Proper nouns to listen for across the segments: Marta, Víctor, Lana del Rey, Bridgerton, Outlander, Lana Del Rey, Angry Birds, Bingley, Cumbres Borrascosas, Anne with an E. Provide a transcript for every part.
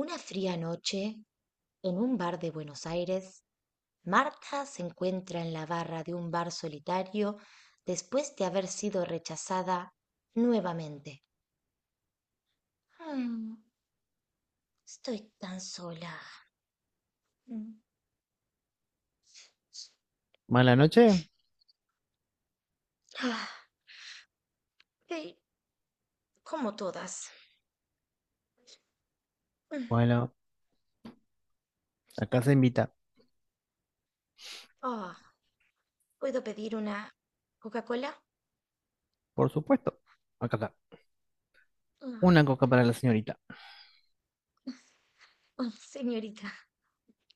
Una fría noche, en un bar de Buenos Aires, Marta se encuentra en la barra de un bar solitario después de haber sido rechazada nuevamente. Mm, estoy tan sola. Mm. ¿Mala noche? Ah, eh, como todas. Mm. Bueno, acá se invita. Oh, ¿puedo pedir una Coca-Cola? Por supuesto. Acá está. Ah, Una coca para la señorita. oh, señorita,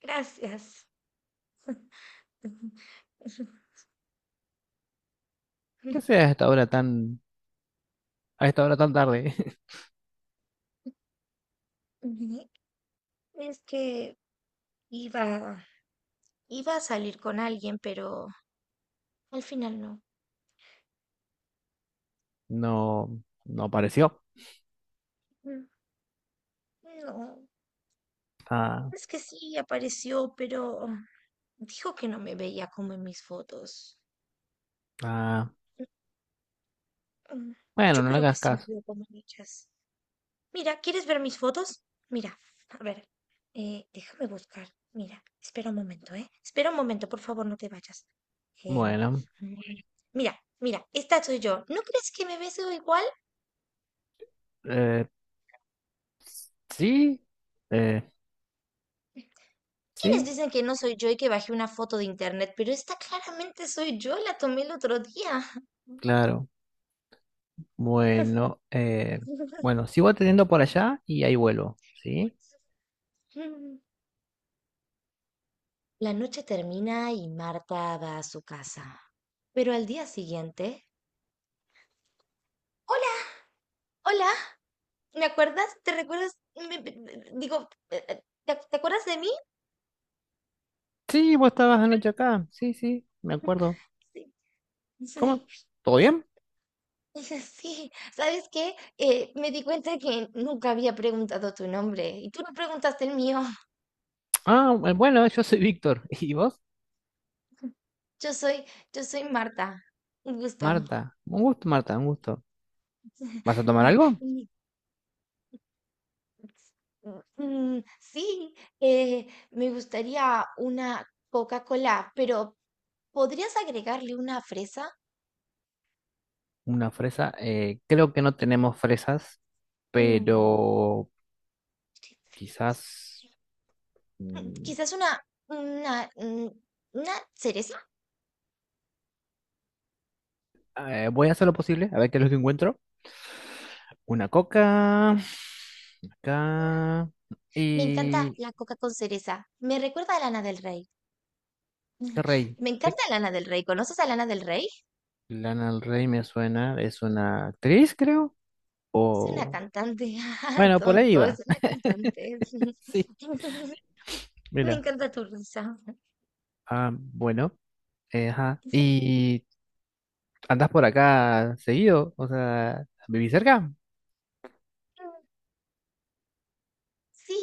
gracias. ¿Qué sea a esta hora tan tarde? Es que iba iba a salir con alguien, pero al final no. No, no apareció. Mm, no, Ah, es que sí apareció, pero dijo que no me veía como en mis fotos. ah. Mm, mm, Bueno, yo no le creo que hagas sí me caso. veo como en ellas. Mira, ¿quieres ver mis fotos? Mira, a ver, déjame buscar. Mira, espera un momento, ¿eh? Espera un momento, por favor, no te vayas. Em, Bueno, mm, mira, mira, esta soy yo. ¿No crees que me veo igual? eh, sí, eh, ¿Quiénes sí, dicen que no soy yo y que bajé una foto de internet? Pero esta claramente soy yo, la tomé el otro día. claro. Bueno, bueno, sigo atendiendo por allá y ahí vuelvo, ¿sí? La noche termina y Marta va a su casa. Pero al día siguiente... Hola, hola, ¿me acuerdas? ¿Te recuerdas? Digo, te acuerdas de mí? Sí, vos estabas anoche acá. Sí, sí, me acuerdo. Sí. ¿Cómo? Sí. ¿Todo bien? Sí, sí. ¿Sabes qué? Me di cuenta que nunca había preguntado tu nombre y tú no preguntaste el mío. Ah, bueno, yo soy Víctor. ¿Y vos? Yo soy, yo soy Marta. Un gusto. Marta, un gusto, Marta, un gusto. ¿Vas a tomar Y- algo? y- Sí, eh, me gustaría una Coca-Cola, pero ¿podrías agregarle una fresa? Una fresa. Creo que no tenemos fresas, Mm, pero sí, fresas. quizás Mm, mm, quizás una, una, mm, una cereza. Voy a hacer lo posible, a ver qué es lo que encuentro. Una coca, acá, Me encanta y la coca con cereza. Me recuerda a Lana del Rey. el rey. Me Sí, encanta Lana del Rey. ¿Conoces a Lana del Rey? Lana del Rey me suena, es una actriz, creo, Es una o... cantante, ah, Bueno, por ahí tonto, es va. una cantante. Sí, Me mira. encanta tu risa. Ah, bueno, ajá. Y ¿andás por acá seguido? O sea, ¿vivís cerca? Sí,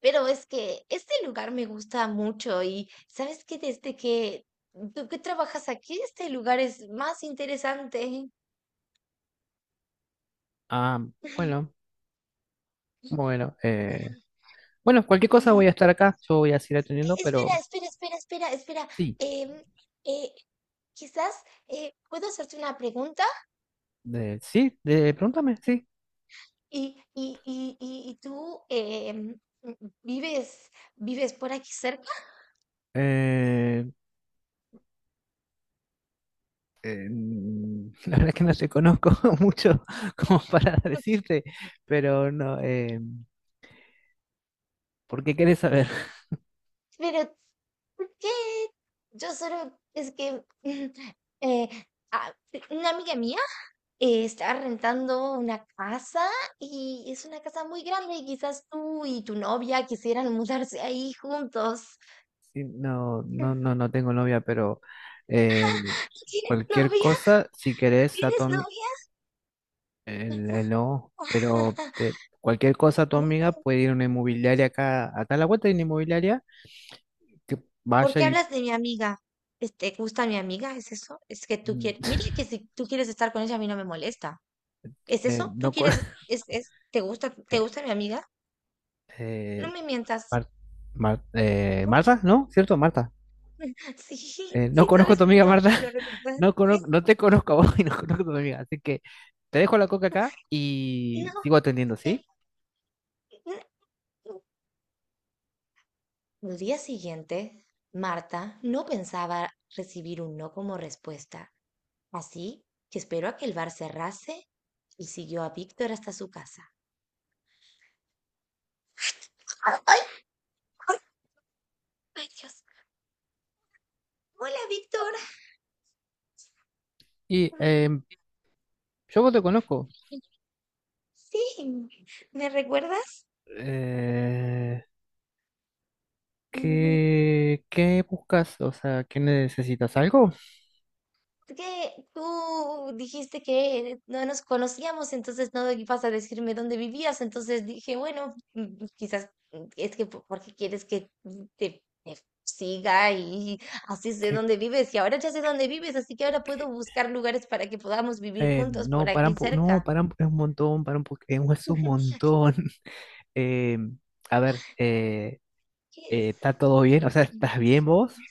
pero es que este lugar me gusta mucho y ¿sabes qué? Desde que tú que trabajas aquí, este lugar es más interesante. Ah, bueno, bueno. Bueno, cualquier cosa voy a estar acá, yo voy a seguir atendiendo, Espera, pero espera, espera, espera, espera. sí, em, eh, quizás puedo hacerte una pregunta. Sí, pregúntame, sí. Y tú vives por aquí cerca, Eh, la verdad es que no te conozco mucho como para decirte, pero no, ¿por qué querés saber? pero ¿por qué? Yo solo, es que mm, eh, una amiga mía está rentando una casa y es una casa muy grande y quizás tú y tu novia quisieran mudarse ahí juntos. Sí, no, ¿No no, no, no tengo novia, pero eh, tienes cualquier novia? cosa, si ¿No querés, a tu, tienes ami- novia? El no, pero cualquier cosa tu Uy, amiga puede ir a una inmobiliaria acá a la vuelta hay una inmobiliaria que ¿por vaya qué y hablas de mi amiga? Este, ¿gusta mi amiga? ¿Es eso? Es que tú quieres. Mira que si tú quieres estar con ella, a mí no me molesta. ¿Es eso? ¿Tú no con quieres? Te eh, gusta mi amiga? No eh, me mientas. Mar- Marta, ¿no? ¿Cierto? Marta. Sí, No sí conozco a tu sabes mi amiga Marta, nombre, lo recuerdas. no conozco, no te conozco a vos y no conozco a tu amiga, así que te dejo la coca acá y No, sigo atendiendo, eh, ¿sí? no. Al día siguiente, Marta no pensaba recibir un no como respuesta, así que esperó a que el bar cerrase y siguió a Víctor hasta su casa. ¡Ay! ¡Ay, ay, Dios! Hola, Víctor. Y Mm, yo vos te conozco. sí, ¿me recuerdas? Eh, Mm, qué buscas? O sea, ¿qué necesitas? ¿Algo? que tú dijiste que no nos conocíamos, entonces no ibas a decirme dónde vivías, entonces dije, bueno, mm, quizás es que porque quieres que te siga y así sé ¿Qué, dónde vives, y ahora ya sé dónde vives, así que ahora puedo buscar lugares para que podamos vivir juntos por no, para un aquí po- no, cerca. para un, es un montón, para un po- es un montón. Eh, a ver, Que- ¿está todo bien? O sea, ¿estás bien vos?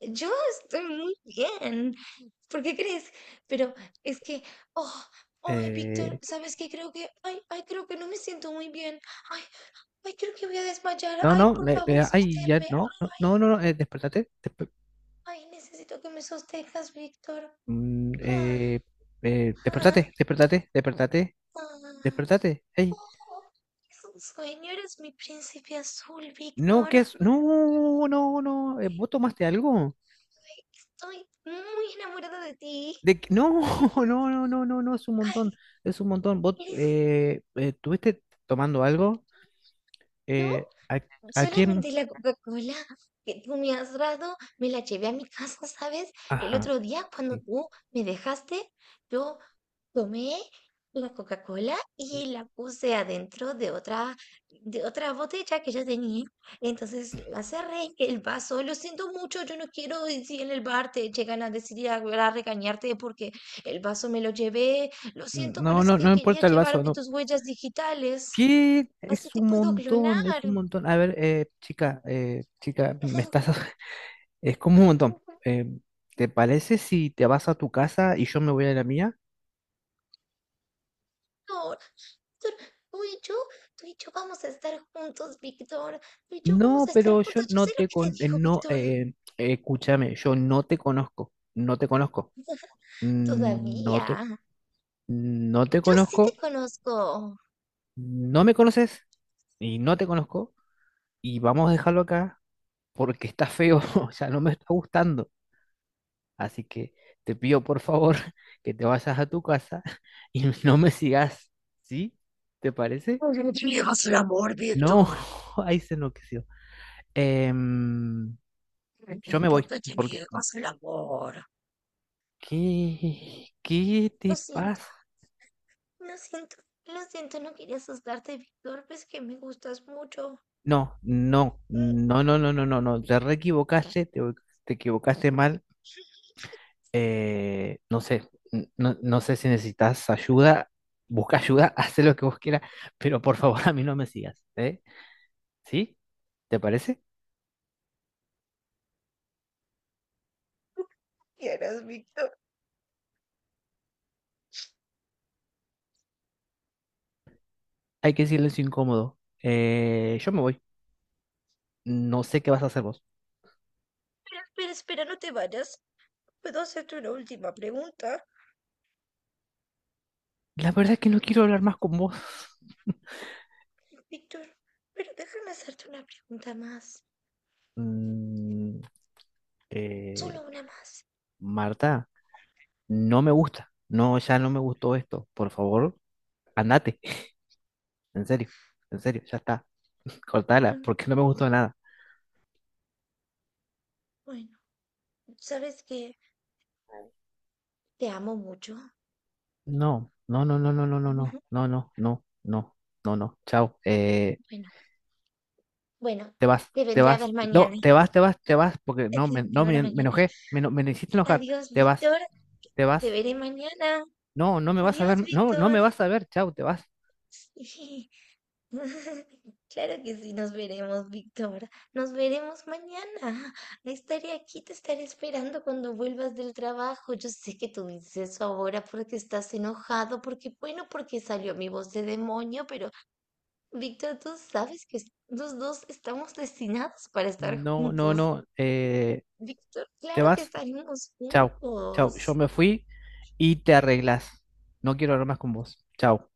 Yo estoy muy bien. ¿Por qué crees? Pero es que, oh, ay, Víctor, Eh, ¿sabes qué? Creo que, ay, ay, creo que no me siento muy bien. Ay, ay, creo que voy a desmayar. no, Ay, no, por favor, ay, ya, sosténme. no, no, no, no, no, despertate, Ay, necesito que me sostengas, Víctor. mm, Ah, eh, ah, despertate, despertate, despertate, ah. despertate, ey. Oh, es un sueño, eres mi príncipe azul, No, Víctor. ¿qué es? No, no, no, ¿vos tomaste algo? Ay, estoy muy enamorada de ti. No, no, no, no, no, no, es un Ay, montón, es un montón. ¿Vos eres tuviste tomando algo? yo eh, a, a quién? solamente la Coca-Cola que tú me has dado, me la llevé a mi casa, ¿sabes? El Ajá. otro día cuando Sí. tú me dejaste, yo tomé la Coca-Cola y la puse adentro de de otra botella que yo tenía. Entonces la cerré en el vaso. Lo siento mucho, yo no quiero decir en el bar te llegan a decir a regañarte porque el vaso me lo llevé. Lo siento, pero No, es no, no que me quería importa el vaso, llevarme no. tus huellas digitales. ¿Qué? Así Es te un puedo montón, es clonar. un montón. A ver, chica, chica, me estás. Es como un montón. Eh, ¿te parece si te vas a tu casa y yo me voy a la mía? Víctor, Víctor, tú y yo vamos a estar juntos, Víctor. Tú y yo vamos No, a estar pero yo juntos. Yo no sé lo te que te con, dijo, no, Víctor. Escúchame, yo no te conozco, no te conozco, Mm, no Todavía. te, no te Yo sí te conozco, conozco. no me conoces y no te conozco y vamos a dejarlo acá porque está feo, o sea, no me está gustando. Así que te pido por favor que te vayas a tu casa y no me sigas, ¿sí? ¿Te parece? ¿Por qué te niegas el amor, No, Víctor? ahí se enloqueció. Em, yo me voy, ¿Por qué te porque... niegas el amor? ¿Qué? ¿Qué te Lo siento, pasa? lo siento, lo siento. No quería asustarte, Víctor. Ves que me gustas mucho. No, no, no, no, no, no, no, no, te re equivocaste, te equivocaste mal, no sé, no, no sé si necesitas ayuda, busca ayuda, haz lo que vos quieras, pero por favor a mí no me sigas, ¿eh? ¿Sí? ¿Te parece? ¿Quieres, Víctor? Hay que silencio incómodo. Yo me voy, no sé qué vas a hacer vos. Espera, espera, espera, no te vayas. ¿Puedo hacerte una última pregunta? La verdad es que no quiero hablar más con vos. Víctor, pero déjame hacerte una pregunta más. Mm, eh, Solo una más. Marta, no me gusta, no, ya no me gustó esto, por favor, andate, en serio, en serio, ya está, cortala, Mm, porque no me gustó nada. bueno, sabes que te amo mucho. No, no, no, no, no, no, no, no, Ujú, no, no, no, no, no, no, chao. Eh, bueno, bueno, te vas, te te vendré a vas, ver no, mañana. te vas, te vas, te vas, porque Te no, me, vendré no, a ver me mañana. enojé, me hiciste enojar, Adiós, te vas, Víctor. te Te vas, veré mañana. no, no me vas a Adiós, ver, no, no Víctor. me vas a ver, chao, te vas, Claro que sí, nos veremos, Víctor. Nos veremos mañana. Estaré aquí, te estaré esperando cuando vuelvas del trabajo. Yo sé que tú dices eso ahora porque estás enojado, porque, bueno, porque salió mi voz de demonio, pero Víctor, tú sabes que los dos estamos destinados para estar no, no, juntos. no, Víctor, te claro que vas, estaremos chao, chao, yo juntos. me fui y te arreglas, no quiero hablar más con vos, chao.